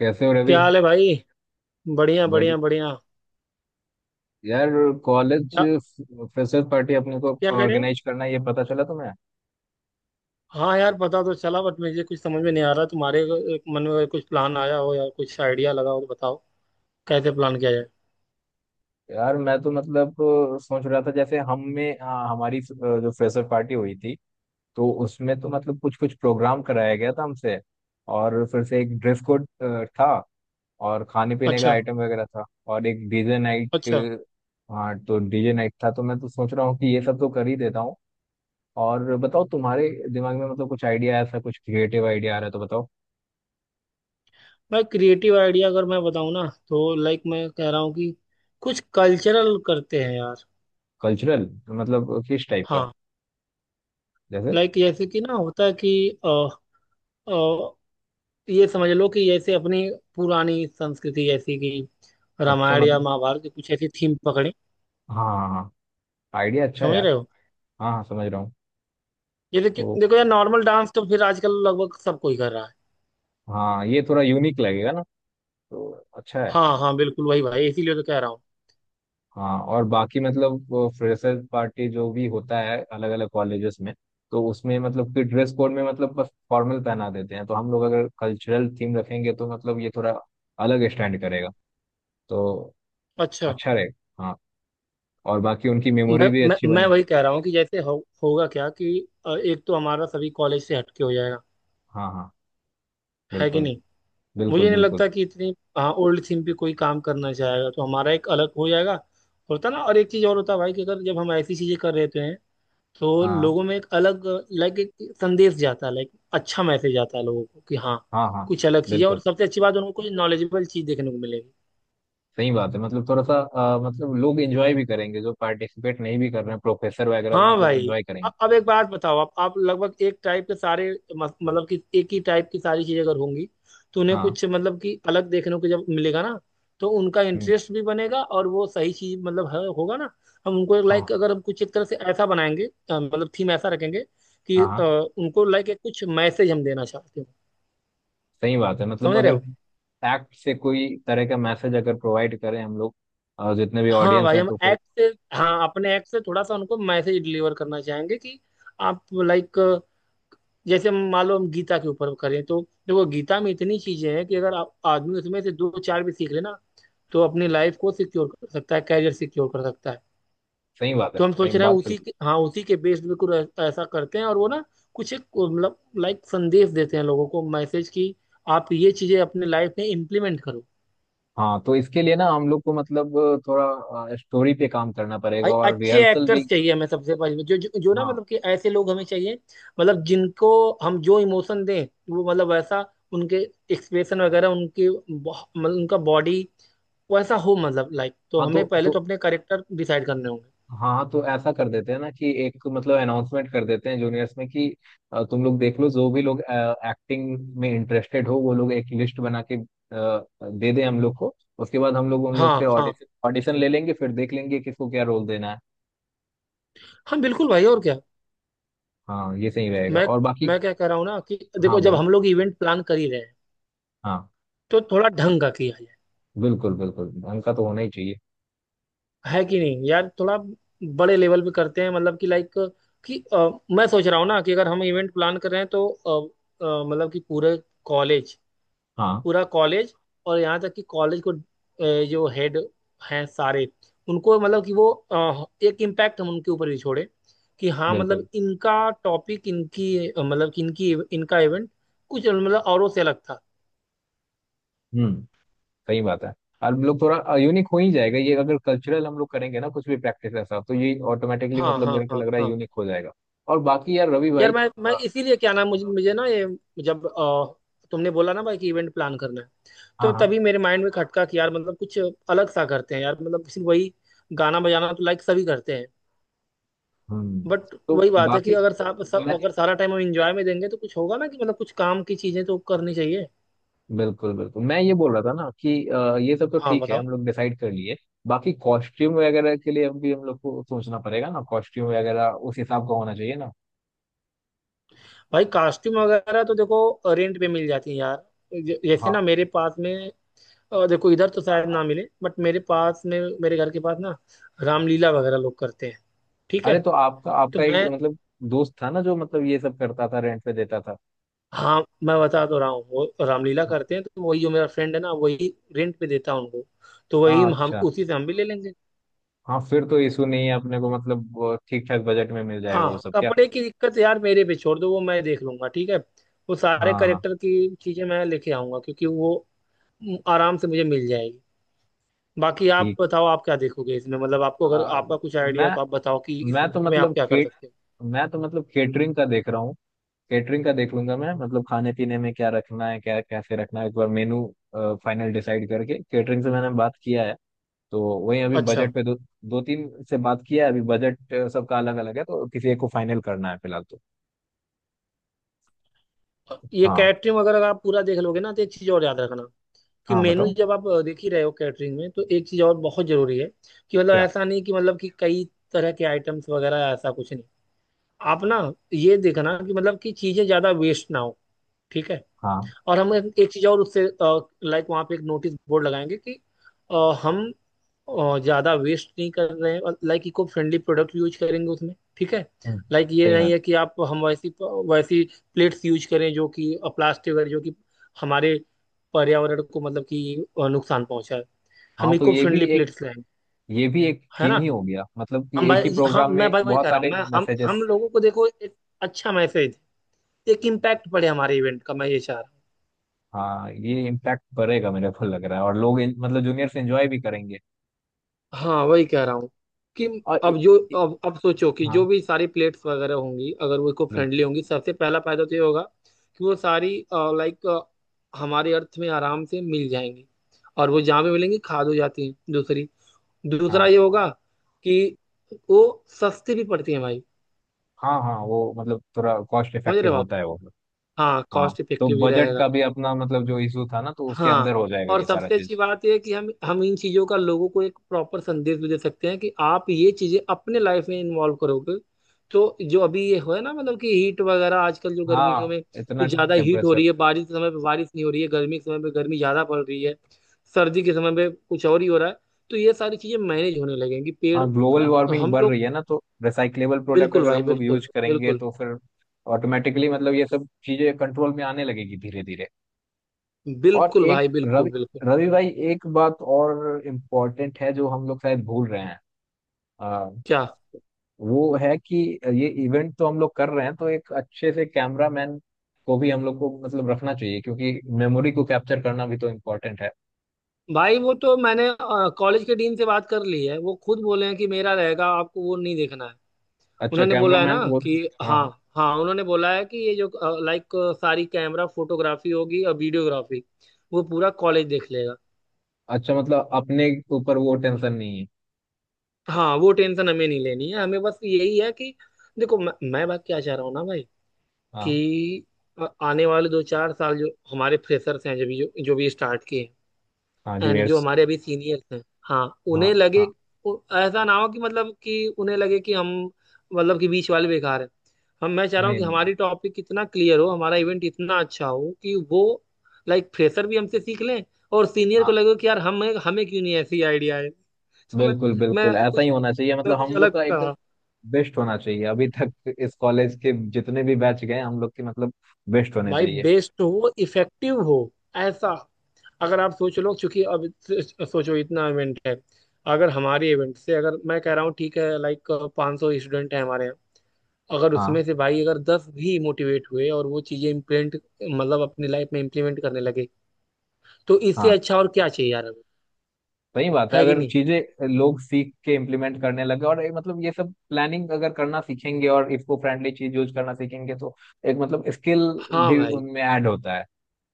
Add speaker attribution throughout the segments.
Speaker 1: कैसे हो रवि।
Speaker 2: क्या हाल है भाई। बढ़िया
Speaker 1: बड़ी
Speaker 2: बढ़िया बढ़िया।
Speaker 1: यार कॉलेज
Speaker 2: क्या?
Speaker 1: फ्रेशर पार्टी अपने को
Speaker 2: क्या कह रहे हो?
Speaker 1: ऑर्गेनाइज करना है, ये पता चला तुम्हें?
Speaker 2: हाँ यार, पता तो चला बट मुझे कुछ समझ में नहीं आ रहा। तुम्हारे मन में कुछ प्लान आया हो या कुछ आइडिया लगा हो तो बताओ। कैसे प्लान किया जाए।
Speaker 1: यार मैं तो मतलब सोच रहा था जैसे हम में हाँ, हमारी जो फ्रेशर पार्टी हुई थी, तो उसमें तो मतलब कुछ कुछ प्रोग्राम कराया गया था हमसे। और फिर से एक ड्रेस कोड था। और खाने पीने का
Speaker 2: अच्छा।
Speaker 1: आइटम वगैरह था। और एक डीजे नाइट।
Speaker 2: अच्छा।
Speaker 1: हाँ, तो डीजे नाइट था तो मैं तो सोच रहा हूँ कि ये सब तो कर ही देता हूँ। और बताओ तुम्हारे दिमाग में मतलब कुछ आइडिया ऐसा कुछ क्रिएटिव आइडिया आ रहा है तो बताओ।
Speaker 2: मैं क्रिएटिव आइडिया, अगर मैं बताऊँ ना, तो लाइक मैं कह रहा हूँ कि कुछ कल्चरल करते हैं यार।
Speaker 1: कल्चरल मतलब किस टाइप का?
Speaker 2: हाँ।
Speaker 1: जैसे।
Speaker 2: लाइक जैसे कि ना होता है कि अ, अ, ये समझ लो कि जैसे अपनी पुरानी संस्कृति, जैसे कि
Speaker 1: अच्छा
Speaker 2: रामायण या
Speaker 1: मतलब,
Speaker 2: महाभारत की कुछ ऐसी थीम पकड़े।
Speaker 1: हाँ हाँ हाँ, आइडिया अच्छा है
Speaker 2: समझ
Speaker 1: यार।
Speaker 2: रहे हो?
Speaker 1: हाँ हाँ, समझ रहा हूँ।
Speaker 2: ये देखिए।
Speaker 1: तो
Speaker 2: देखो यार, नॉर्मल डांस तो फिर आजकल लगभग सब कोई कर रहा है।
Speaker 1: हाँ, ये थोड़ा यूनिक लगेगा ना। तो अच्छा है।
Speaker 2: हाँ हाँ बिल्कुल वही भाई, इसीलिए तो कह रहा हूँ।
Speaker 1: हाँ, और बाकी मतलब फ्रेशर पार्टी जो भी होता है अलग अलग कॉलेजेस में, तो उसमें मतलब कि ड्रेस कोड में मतलब बस फॉर्मल पहना देते हैं, तो हम लोग अगर कल्चरल थीम रखेंगे तो मतलब ये थोड़ा अलग स्टैंड करेगा, तो
Speaker 2: अच्छा।
Speaker 1: अच्छा रहेगा हाँ। और बाकी उनकी
Speaker 2: मैं
Speaker 1: मेमोरी भी
Speaker 2: मैं
Speaker 1: अच्छी
Speaker 2: मैं
Speaker 1: बनेगी।
Speaker 2: वही कह रहा हूँ कि जैसे होगा क्या कि एक तो हमारा सभी कॉलेज से हटके हो जाएगा।
Speaker 1: हाँ हाँ,
Speaker 2: है कि
Speaker 1: बिल्कुल
Speaker 2: नहीं? मुझे
Speaker 1: बिल्कुल
Speaker 2: नहीं
Speaker 1: बिल्कुल।
Speaker 2: लगता कि इतनी, हाँ, ओल्ड थीम पे कोई काम करना चाहेगा, तो हमारा एक अलग हो जाएगा। होता ना। और एक चीज़ और होता है भाई कि अगर जब हम ऐसी चीज़ें कर रहे हैं तो
Speaker 1: हाँ
Speaker 2: लोगों में एक अलग, लाइक एक संदेश जाता है, लाइक अच्छा मैसेज आता है लोगों को कि हाँ
Speaker 1: हाँ हाँ,
Speaker 2: कुछ अलग चीज़ है। और
Speaker 1: बिल्कुल।
Speaker 2: सबसे अच्छी बात, उनको कुछ नॉलेजेबल चीज़ देखने को मिलेगी।
Speaker 1: सही बात है मतलब थोड़ा सा मतलब लोग एंजॉय भी करेंगे जो पार्टिसिपेट नहीं भी कर रहे हैं, प्रोफेसर वगैरह
Speaker 2: हाँ
Speaker 1: मतलब
Speaker 2: भाई।
Speaker 1: एंजॉय करेंगे।
Speaker 2: अब एक बात बताओ, आप लगभग एक टाइप के सारे मतलब कि एक ही टाइप की सारी चीजें अगर होंगी तो उन्हें
Speaker 1: हाँ।
Speaker 2: कुछ मतलब कि अलग देखने को जब मिलेगा ना, तो उनका
Speaker 1: हम्म,
Speaker 2: इंटरेस्ट भी बनेगा और वो सही चीज मतलब होगा ना। हम उनको एक
Speaker 1: हाँ
Speaker 2: लाइक, अगर हम कुछ एक तरह से ऐसा बनाएंगे, मतलब थीम ऐसा रखेंगे कि
Speaker 1: हाँ हाँ,
Speaker 2: उनको लाइक एक कुछ मैसेज हम देना चाहते हो।
Speaker 1: सही बात है मतलब
Speaker 2: समझ रहे
Speaker 1: अगर
Speaker 2: हो?
Speaker 1: एक्ट से कोई तरह का मैसेज अगर प्रोवाइड करें हम लोग जितने भी
Speaker 2: हाँ
Speaker 1: ऑडियंस
Speaker 2: भाई,
Speaker 1: हैं,
Speaker 2: हम
Speaker 1: तो फिर
Speaker 2: एक्ट से, हाँ अपने एक्ट से थोड़ा सा उनको मैसेज डिलीवर करना चाहेंगे कि आप लाइक, जैसे मान लो हम गीता के ऊपर करें तो देखो गीता में इतनी चीजें हैं कि अगर आप आदमी उसमें से दो चार भी सीख ले ना, तो अपनी लाइफ को सिक्योर कर सकता है, कैरियर सिक्योर कर सकता है।
Speaker 1: सही बात है,
Speaker 2: तो हम
Speaker 1: सही
Speaker 2: सोच रहे हैं
Speaker 1: बात
Speaker 2: उसी
Speaker 1: बिल्कुल।
Speaker 2: के, हाँ उसी के बेस पे कुछ ऐसा करते हैं, और वो ना कुछ एक मतलब लाइक संदेश देते हैं लोगों को, मैसेज की आप ये चीजें अपने लाइफ में इम्प्लीमेंट करो।
Speaker 1: हाँ, तो इसके लिए ना हम लोग को मतलब थोड़ा स्टोरी पे काम करना
Speaker 2: भाई
Speaker 1: पड़ेगा और
Speaker 2: अच्छे
Speaker 1: रिहर्सल भी।
Speaker 2: एक्टर्स चाहिए हमें सबसे पहले, जो, जो जो ना
Speaker 1: हाँ,
Speaker 2: मतलब कि ऐसे लोग हमें चाहिए, मतलब जिनको हम जो इमोशन दें वो मतलब वैसा, उनके एक्सप्रेशन वगैरह, उनकी मतलब उनका बॉडी वैसा हो, मतलब लाइक तो
Speaker 1: हाँ
Speaker 2: हमें
Speaker 1: तो
Speaker 2: पहले
Speaker 1: तो
Speaker 2: तो अपने करेक्टर डिसाइड करने होंगे।
Speaker 1: हाँ, तो ऐसा कर देते हैं ना कि एक मतलब अनाउंसमेंट कर देते हैं जूनियर्स में कि तुम लोग देख लो जो भी लोग एक्टिंग में इंटरेस्टेड हो, वो लोग एक लिस्ट बना के दे दें हम लोग को, उसके बाद हम लोग उन लोग से
Speaker 2: हाँ हाँ
Speaker 1: ऑडिशन ऑडिशन ले लेंगे, फिर देख लेंगे किसको क्या रोल देना है।
Speaker 2: हाँ बिल्कुल भाई, और क्या।
Speaker 1: हाँ, ये सही रहेगा
Speaker 2: मैं
Speaker 1: और बाकी
Speaker 2: मैं क्या कह रहा हूँ ना कि
Speaker 1: हाँ
Speaker 2: देखो, जब
Speaker 1: बोलो।
Speaker 2: हम लोग इवेंट प्लान कर ही रहे हैं
Speaker 1: हाँ
Speaker 2: तो थोड़ा ढंग का किया जाए।
Speaker 1: बिल्कुल बिल्कुल, ढंग का तो होना ही चाहिए।
Speaker 2: है कि नहीं यार? थोड़ा बड़े लेवल पे करते हैं, मतलब कि लाइक कि मैं सोच रहा हूँ ना कि अगर हम इवेंट प्लान कर रहे हैं तो मतलब कि पूरे कॉलेज,
Speaker 1: हाँ
Speaker 2: पूरा कॉलेज, और यहाँ तक कि कॉलेज को जो हेड हैं सारे, उनको मतलब कि वो एक इम्पैक्ट हम उनके ऊपर भी छोड़े कि हाँ
Speaker 1: बिल्कुल।
Speaker 2: मतलब इनका टॉपिक, इनकी मतलब कि इनकी इनका इवेंट कुछ मतलब औरों से अलग था।
Speaker 1: हम्म, सही बात है। और लोग थोड़ा यूनिक हो ही जाएगा, ये अगर कल्चरल हम लोग करेंगे ना कुछ भी प्रैक्टिस ऐसा, तो ये ऑटोमेटिकली
Speaker 2: हाँ
Speaker 1: मतलब
Speaker 2: हाँ
Speaker 1: मेरे को
Speaker 2: हाँ
Speaker 1: लग रहा है
Speaker 2: हाँ।
Speaker 1: यूनिक हो जाएगा। और बाकी यार रवि
Speaker 2: यार
Speaker 1: भाई,
Speaker 2: मैं
Speaker 1: अ,
Speaker 2: इसीलिए, क्या नाम, मुझे मुझे ना ये, जब तुमने बोला ना भाई कि इवेंट प्लान करना है,
Speaker 1: हाँ
Speaker 2: तो
Speaker 1: हाँ।
Speaker 2: तभी मेरे माइंड में खटका कि यार मतलब कुछ अलग सा करते हैं यार। मतलब सिर्फ वही गाना बजाना तो लाइक सभी करते हैं।
Speaker 1: हम्म,
Speaker 2: बट
Speaker 1: तो
Speaker 2: वही बात है कि
Speaker 1: बाकी
Speaker 2: अगर सा, सा,
Speaker 1: मैं
Speaker 2: अगर सारा टाइम हम इंजॉय में देंगे तो कुछ होगा ना कि, मतलब कुछ काम की चीजें तो करनी चाहिए।
Speaker 1: बिल्कुल बिल्कुल, मैं ये बोल रहा था ना कि ये सब तो
Speaker 2: हाँ
Speaker 1: ठीक है
Speaker 2: बताओ।
Speaker 1: हम लोग डिसाइड कर लिए। बाकी कॉस्ट्यूम वगैरह के लिए भी हम लोग को सोचना पड़ेगा ना, कॉस्ट्यूम वगैरह उस हिसाब का होना चाहिए ना।
Speaker 2: भाई कॉस्ट्यूम वगैरह तो देखो रेंट पे मिल जाती है यार। जैसे
Speaker 1: हाँ
Speaker 2: ना मेरे पास में देखो, इधर तो
Speaker 1: हाँ,
Speaker 2: शायद
Speaker 1: हाँ।
Speaker 2: ना मिले, बट मेरे पास में, मेरे घर के पास ना रामलीला वगैरह लोग करते हैं। ठीक है?
Speaker 1: अरे, तो आपका
Speaker 2: तो
Speaker 1: आपका एक
Speaker 2: मैं,
Speaker 1: मतलब दोस्त था ना जो मतलब ये सब करता था, रेंट पे देता था।
Speaker 2: हाँ मैं बता तो रहा हूँ, वो रामलीला
Speaker 1: हाँ
Speaker 2: करते हैं तो वही जो मेरा फ्रेंड है ना, वही रेंट पे देता है उनको। तो वही,
Speaker 1: हाँ,
Speaker 2: हम
Speaker 1: अच्छा।
Speaker 2: उसी से हम भी ले लेंगे।
Speaker 1: हाँ, फिर तो इशू नहीं है अपने को, मतलब ठीक ठाक बजट में मिल जाएगा वो
Speaker 2: हाँ
Speaker 1: सब क्या।
Speaker 2: कपड़े की दिक्कत यार मेरे पे छोड़ दो, वो मैं देख लूंगा, ठीक है। वो सारे
Speaker 1: हाँ हाँ,
Speaker 2: करेक्टर की चीजें मैं लेके आऊंगा क्योंकि वो आराम से मुझे मिल जाएगी। बाकी आप
Speaker 1: ठीक।
Speaker 2: बताओ आप क्या देखोगे इसमें, मतलब आपको अगर
Speaker 1: आ,
Speaker 2: आपका कुछ आइडिया हो
Speaker 1: मैं
Speaker 2: तो आप बताओ कि इस
Speaker 1: मैं तो
Speaker 2: इवेंट में आप
Speaker 1: मतलब
Speaker 2: क्या कर
Speaker 1: केट
Speaker 2: सकते
Speaker 1: मैं तो मतलब केटरिंग का देख रहा हूँ। केटरिंग का देख लूंगा मैं, मतलब खाने पीने में क्या रखना है, क्या कैसे रखना है, एक बार मेनू फाइनल डिसाइड करके केटरिंग से मैंने बात किया है। तो वही अभी
Speaker 2: हो। अच्छा।
Speaker 1: बजट पे दो दो तीन से बात किया है, अभी बजट सबका अलग अलग है तो किसी एक को फाइनल करना है फिलहाल तो।
Speaker 2: ये
Speaker 1: हाँ
Speaker 2: कैटरिंग वगैरह का आप पूरा देख लोगे ना, तो एक चीज और याद रखना कि
Speaker 1: हाँ,
Speaker 2: मेनू
Speaker 1: बताओ
Speaker 2: जब आप देख ही रहे हो कैटरिंग में तो एक चीज और बहुत जरूरी है कि, मतलब
Speaker 1: क्या।
Speaker 2: ऐसा नहीं कि मतलब कि कई तरह के आइटम्स वगैरह, ऐसा कुछ नहीं। आप ना ये देखना कि मतलब कि चीजें ज्यादा वेस्ट ना हो, ठीक है।
Speaker 1: हाँ।
Speaker 2: और हम एक एक चीज और उससे लाइक, वहां पे एक नोटिस बोर्ड लगाएंगे कि अ, हम और ज़्यादा वेस्ट नहीं कर रहे हैं, और like eco friendly product use करेंगे उसमें, ठीक है।
Speaker 1: हम्म,
Speaker 2: लाइक ये
Speaker 1: सही
Speaker 2: नहीं
Speaker 1: बात।
Speaker 2: है कि आप, हम वैसी वैसी प्लेट्स यूज करें जो कि प्लास्टिक वगैरह, जो कि हमारे पर्यावरण को मतलब कि नुकसान पहुंचाए।
Speaker 1: हाँ,
Speaker 2: हम
Speaker 1: तो
Speaker 2: इको
Speaker 1: ये भी,
Speaker 2: फ्रेंडली प्लेट्स लाएं।
Speaker 1: ये भी एक
Speaker 2: है
Speaker 1: थीम
Speaker 2: ना।
Speaker 1: ही हो गया मतलब कि
Speaker 2: हम
Speaker 1: एक ही
Speaker 2: भाई हम
Speaker 1: प्रोग्राम
Speaker 2: मैं
Speaker 1: में
Speaker 2: भाई वही
Speaker 1: बहुत
Speaker 2: कह रहा हूँ
Speaker 1: सारे
Speaker 2: मैं। हम
Speaker 1: मैसेजेस।
Speaker 2: लोगों को, देखो एक अच्छा मैसेज, एक इम्पैक्ट पड़े हमारे इवेंट का, मैं ये चाह रहा हूँ।
Speaker 1: हाँ, ये इम्पैक्ट पड़ेगा मेरे को लग रहा है, और लोग मतलब जूनियर्स एंजॉय भी करेंगे।
Speaker 2: हाँ वही कह रहा हूँ कि,
Speaker 1: और ए,
Speaker 2: अब जो
Speaker 1: ए,
Speaker 2: अब सोचो कि जो
Speaker 1: हाँ
Speaker 2: भी सारी प्लेट्स वगैरह होंगी, अगर वो इको
Speaker 1: बिल्कुल।
Speaker 2: फ्रेंडली होंगी, सबसे पहला फायदा तो ये होगा कि वो सारी लाइक हमारे अर्थ में आराम से मिल जाएंगी, और वो जहाँ भी मिलेंगी खाद हो जाती हैं। दूसरी, दूसरा
Speaker 1: हाँ
Speaker 2: ये होगा कि वो सस्ती भी पड़ती है भाई।
Speaker 1: हाँ हाँ, वो मतलब थोड़ा कॉस्ट
Speaker 2: समझ रहे
Speaker 1: इफेक्टिव
Speaker 2: हो आप।
Speaker 1: होता है वो।
Speaker 2: हाँ
Speaker 1: हाँ,
Speaker 2: कॉस्ट
Speaker 1: तो
Speaker 2: इफेक्टिव भी
Speaker 1: बजट का
Speaker 2: रहेगा।
Speaker 1: भी अपना मतलब जो इशू था ना, तो उसके
Speaker 2: हाँ
Speaker 1: अंदर हो जाएगा
Speaker 2: और
Speaker 1: ये सारा
Speaker 2: सबसे अच्छी
Speaker 1: चीज।
Speaker 2: बात यह है कि हम इन चीज़ों का लोगों को एक प्रॉपर संदेश भी दे सकते हैं कि आप ये चीज़ें अपने लाइफ में इन्वॉल्व करोगे, तो जो अभी ये हो है ना, मतलब कि हीट वगैरह आजकल जो गर्मियों
Speaker 1: हाँ,
Speaker 2: में
Speaker 1: इतना
Speaker 2: कुछ ज़्यादा हीट हो
Speaker 1: टेम्परेचर।
Speaker 2: रही है, बारिश के समय पे बारिश नहीं हो रही है, गर्मी के समय पे गर्मी ज़्यादा पड़ रही है, सर्दी के समय पे कुछ और ही हो रहा है, तो ये सारी चीज़ें मैनेज होने लगेंगी। पेड़
Speaker 1: हाँ, ग्लोबल
Speaker 2: थोड़ा,
Speaker 1: वार्मिंग
Speaker 2: हम
Speaker 1: बढ़
Speaker 2: लोग।
Speaker 1: रही है ना, तो रिसाइक्लेबल प्रोडक्ट
Speaker 2: बिल्कुल
Speaker 1: अगर
Speaker 2: भाई
Speaker 1: हम लोग
Speaker 2: बिल्कुल
Speaker 1: यूज करेंगे,
Speaker 2: बिल्कुल।
Speaker 1: तो फिर ऑटोमेटिकली मतलब ये सब चीजें कंट्रोल में आने लगेगी धीरे धीरे। और
Speaker 2: बिल्कुल
Speaker 1: एक
Speaker 2: भाई बिल्कुल
Speaker 1: रवि,
Speaker 2: बिल्कुल।
Speaker 1: रवि भाई एक बात और इम्पोर्टेंट है जो हम लोग शायद भूल रहे हैं। आ,
Speaker 2: क्या?
Speaker 1: वो है कि ये इवेंट तो हम लोग कर रहे हैं, तो एक अच्छे से कैमरामैन को भी हम लोग को मतलब रखना चाहिए, क्योंकि मेमोरी को कैप्चर करना भी तो इम्पोर्टेंट है।
Speaker 2: भाई वो तो मैंने कॉलेज के डीन से बात कर ली है, वो खुद बोले हैं कि मेरा रहेगा, आपको वो नहीं देखना है।
Speaker 1: अच्छा
Speaker 2: उन्होंने बोला है
Speaker 1: कैमरामैन
Speaker 2: ना
Speaker 1: वो।
Speaker 2: कि
Speaker 1: हाँ
Speaker 2: हाँ।
Speaker 1: हाँ।
Speaker 2: हाँ उन्होंने बोला है कि ये जो लाइक सारी कैमरा फोटोग्राफी होगी और वीडियोग्राफी, वो पूरा कॉलेज देख लेगा।
Speaker 1: अच्छा, मतलब अपने ऊपर वो टेंशन नहीं है।
Speaker 2: हाँ वो टेंशन हमें नहीं लेनी है, हमें बस यही है कि देखो मैं बात क्या चाह रहा हूँ ना भाई
Speaker 1: हाँ
Speaker 2: कि आने वाले दो चार साल जो हमारे फ्रेशर्स हैं, जो भी स्टार्ट किए,
Speaker 1: हाँ,
Speaker 2: एंड जो
Speaker 1: जूनियर्स।
Speaker 2: हमारे अभी सीनियर्स हैं, हाँ
Speaker 1: हाँ
Speaker 2: उन्हें लगे,
Speaker 1: हाँ।
Speaker 2: ऐसा ना हो कि मतलब कि उन्हें लगे कि हम मतलब कि बीच वाले बेकार हैं। हम मैं चाह रहा हूँ
Speaker 1: नहीं
Speaker 2: कि
Speaker 1: नहीं,
Speaker 2: हमारी टॉपिक इतना क्लियर हो, हमारा इवेंट इतना अच्छा हो कि वो लाइक फ्रेशर भी हमसे सीख लें, और सीनियर को
Speaker 1: हाँ
Speaker 2: लगे कि यार हमें, हमें क्यों नहीं ऐसी आइडिया है। तो मैं,
Speaker 1: बिल्कुल
Speaker 2: मैं
Speaker 1: बिल्कुल, ऐसा ही
Speaker 2: कुछ
Speaker 1: होना चाहिए,
Speaker 2: मैं
Speaker 1: मतलब
Speaker 2: कुछ
Speaker 1: हम लोग
Speaker 2: अलग
Speaker 1: का एकदम
Speaker 2: कहा।
Speaker 1: बेस्ट होना चाहिए, अभी तक इस कॉलेज के जितने भी बैच गए हम लोग के मतलब बेस्ट होने
Speaker 2: भाई
Speaker 1: चाहिए।
Speaker 2: बेस्ट हो, इफेक्टिव हो। ऐसा अगर आप सोच लो, क्योंकि अब सोचो इतना इवेंट है, अगर हमारे इवेंट से, अगर मैं कह रहा हूँ ठीक है लाइक 500 सौ स्टूडेंट हैं हमारे यहाँ, अगर
Speaker 1: हाँ
Speaker 2: उसमें से भाई अगर दस भी मोटिवेट हुए और वो चीजें इम्प्लेंट, मतलब अपनी लाइफ में इम्प्लीमेंट करने लगे, तो इससे
Speaker 1: हाँ,
Speaker 2: अच्छा और क्या चाहिए यार हमें।
Speaker 1: सही बात है,
Speaker 2: है कि
Speaker 1: अगर
Speaker 2: नहीं।
Speaker 1: चीजें लोग सीख के इम्प्लीमेंट करने लगे और ये मतलब ये सब प्लानिंग अगर करना सीखेंगे और इसको फ्रेंडली चीज यूज करना सीखेंगे, तो एक मतलब स्किल
Speaker 2: हाँ
Speaker 1: भी
Speaker 2: भाई
Speaker 1: उनमें ऐड होता है,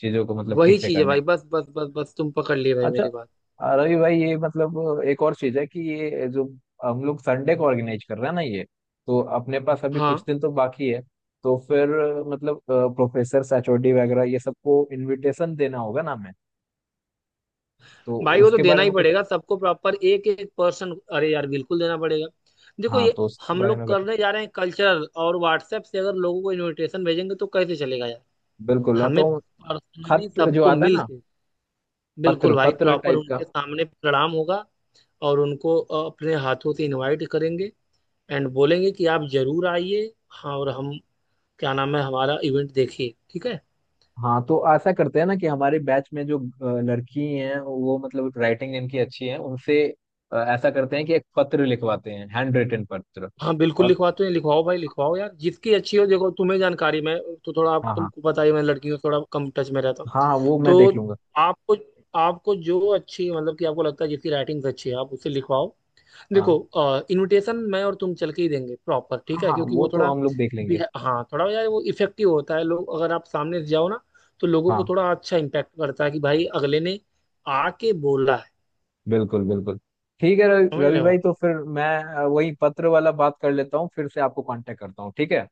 Speaker 1: चीजों को मतलब
Speaker 2: वही
Speaker 1: ठीक से
Speaker 2: चीज है
Speaker 1: करने।
Speaker 2: भाई, बस बस बस बस तुम पकड़ लिए भाई
Speaker 1: अच्छा।
Speaker 2: मेरी बात।
Speaker 1: रवि भाई, ये मतलब एक और चीज है कि ये जो हम लोग संडे को ऑर्गेनाइज कर रहे हैं ना ये, तो अपने पास अभी कुछ
Speaker 2: हाँ
Speaker 1: दिन तो बाकी है। तो फिर मतलब प्रोफेसर एचओडी वगैरह ये सबको इनविटेशन देना होगा ना हमें, तो
Speaker 2: भाई वो तो
Speaker 1: उसके
Speaker 2: देना
Speaker 1: बारे
Speaker 2: ही
Speaker 1: में कुछ।
Speaker 2: पड़ेगा सबको प्रॉपर, एक एक पर्सन, अरे यार बिल्कुल देना पड़ेगा। देखो
Speaker 1: हाँ,
Speaker 2: ये
Speaker 1: तो उसके
Speaker 2: हम
Speaker 1: बारे में
Speaker 2: लोग
Speaker 1: बता
Speaker 2: करने जा रहे हैं कल्चरल, और व्हाट्सएप से अगर लोगों को इनविटेशन भेजेंगे तो कैसे चलेगा यार।
Speaker 1: बिल्कुल, ना
Speaker 2: हमें
Speaker 1: तो
Speaker 2: पर्सनली
Speaker 1: खत जो
Speaker 2: सबको
Speaker 1: आता है ना,
Speaker 2: मिलके,
Speaker 1: पत्र
Speaker 2: बिल्कुल भाई
Speaker 1: पत्र
Speaker 2: प्रॉपर
Speaker 1: टाइप का।
Speaker 2: उनके सामने प्रणाम होगा, और उनको अपने हाथों से इनवाइट करेंगे, एंड बोलेंगे कि आप जरूर आइए। हाँ और हम, क्या नाम है हमारा इवेंट, देखिए ठीक है।
Speaker 1: हाँ, तो ऐसा करते हैं ना कि हमारे बैच में जो लड़की हैं, वो मतलब राइटिंग इनकी अच्छी है उनसे, ऐसा करते हैं कि एक पत्र लिखवाते हैं, हैंड रिटन पत्र।
Speaker 2: हाँ बिल्कुल
Speaker 1: और
Speaker 2: लिखवाते हैं, लिखवाओ भाई लिखवाओ यार जिसकी अच्छी हो, देखो तुम्हें जानकारी, मैं तो थोड़ा, आप,
Speaker 1: हाँ हाँ,
Speaker 2: तुमको पता ही है, मैं लड़कियों से थोड़ा कम टच में रहता हूँ।
Speaker 1: हाँ हाँ, वो मैं देख
Speaker 2: तो
Speaker 1: लूंगा।
Speaker 2: आपको, जो अच्छी मतलब कि आपको लगता है जिसकी राइटिंग्स अच्छी है आप उसे लिखवाओ। देखो
Speaker 1: हाँ
Speaker 2: इनविटेशन मैं और तुम चल के ही देंगे प्रॉपर,
Speaker 1: हाँ
Speaker 2: ठीक है,
Speaker 1: हाँ,
Speaker 2: क्योंकि
Speaker 1: वो
Speaker 2: वो
Speaker 1: तो
Speaker 2: थोड़ा
Speaker 1: हम लोग देख लेंगे।
Speaker 2: हाँ थोड़ा यार, वो इफेक्टिव होता है। लोग, अगर आप सामने से जाओ ना, तो लोगों को
Speaker 1: हाँ,
Speaker 2: थोड़ा अच्छा इम्पैक्ट करता है कि भाई अगले ने आके बोला है।
Speaker 1: बिल्कुल बिल्कुल। ठीक है रवि,
Speaker 2: समझ
Speaker 1: रवि
Speaker 2: रहे
Speaker 1: भाई
Speaker 2: हो।
Speaker 1: तो फिर मैं वही पत्र वाला बात कर लेता हूँ, फिर से आपको कांटेक्ट करता हूँ ठीक है।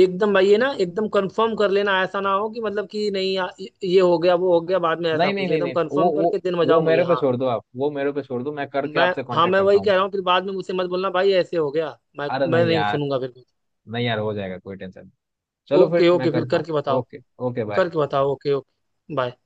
Speaker 2: एकदम भाई, ये ना एकदम कंफर्म कर लेना, ऐसा ना हो कि मतलब कि नहीं ये हो गया वो हो गया बाद में ऐसा
Speaker 1: नहीं नहीं
Speaker 2: कुछ,
Speaker 1: नहीं
Speaker 2: एकदम
Speaker 1: नहीं, वो
Speaker 2: कंफर्म
Speaker 1: वो
Speaker 2: करके दिन
Speaker 1: वो
Speaker 2: बजाओ मुझे,
Speaker 1: मेरे पे
Speaker 2: हाँ।
Speaker 1: छोड़ दो आप, वो मेरे पे छोड़ दो, मैं करके
Speaker 2: मैं
Speaker 1: आपसे
Speaker 2: हाँ
Speaker 1: कांटेक्ट
Speaker 2: मैं
Speaker 1: करता
Speaker 2: वही
Speaker 1: हूँ।
Speaker 2: कह रहा हूँ, फिर बाद में मुझसे मत बोलना भाई ऐसे हो गया। मैं
Speaker 1: अरे
Speaker 2: मैं
Speaker 1: नहीं
Speaker 2: नहीं
Speaker 1: यार,
Speaker 2: सुनूंगा फिर।
Speaker 1: नहीं यार हो जाएगा, कोई टेंशन नहीं। चलो फिर
Speaker 2: ओके
Speaker 1: मैं
Speaker 2: ओके फिर
Speaker 1: करता हूँ।
Speaker 2: करके बताओ।
Speaker 1: Okay okay bye.
Speaker 2: करके बताओ ओके ओके बाय।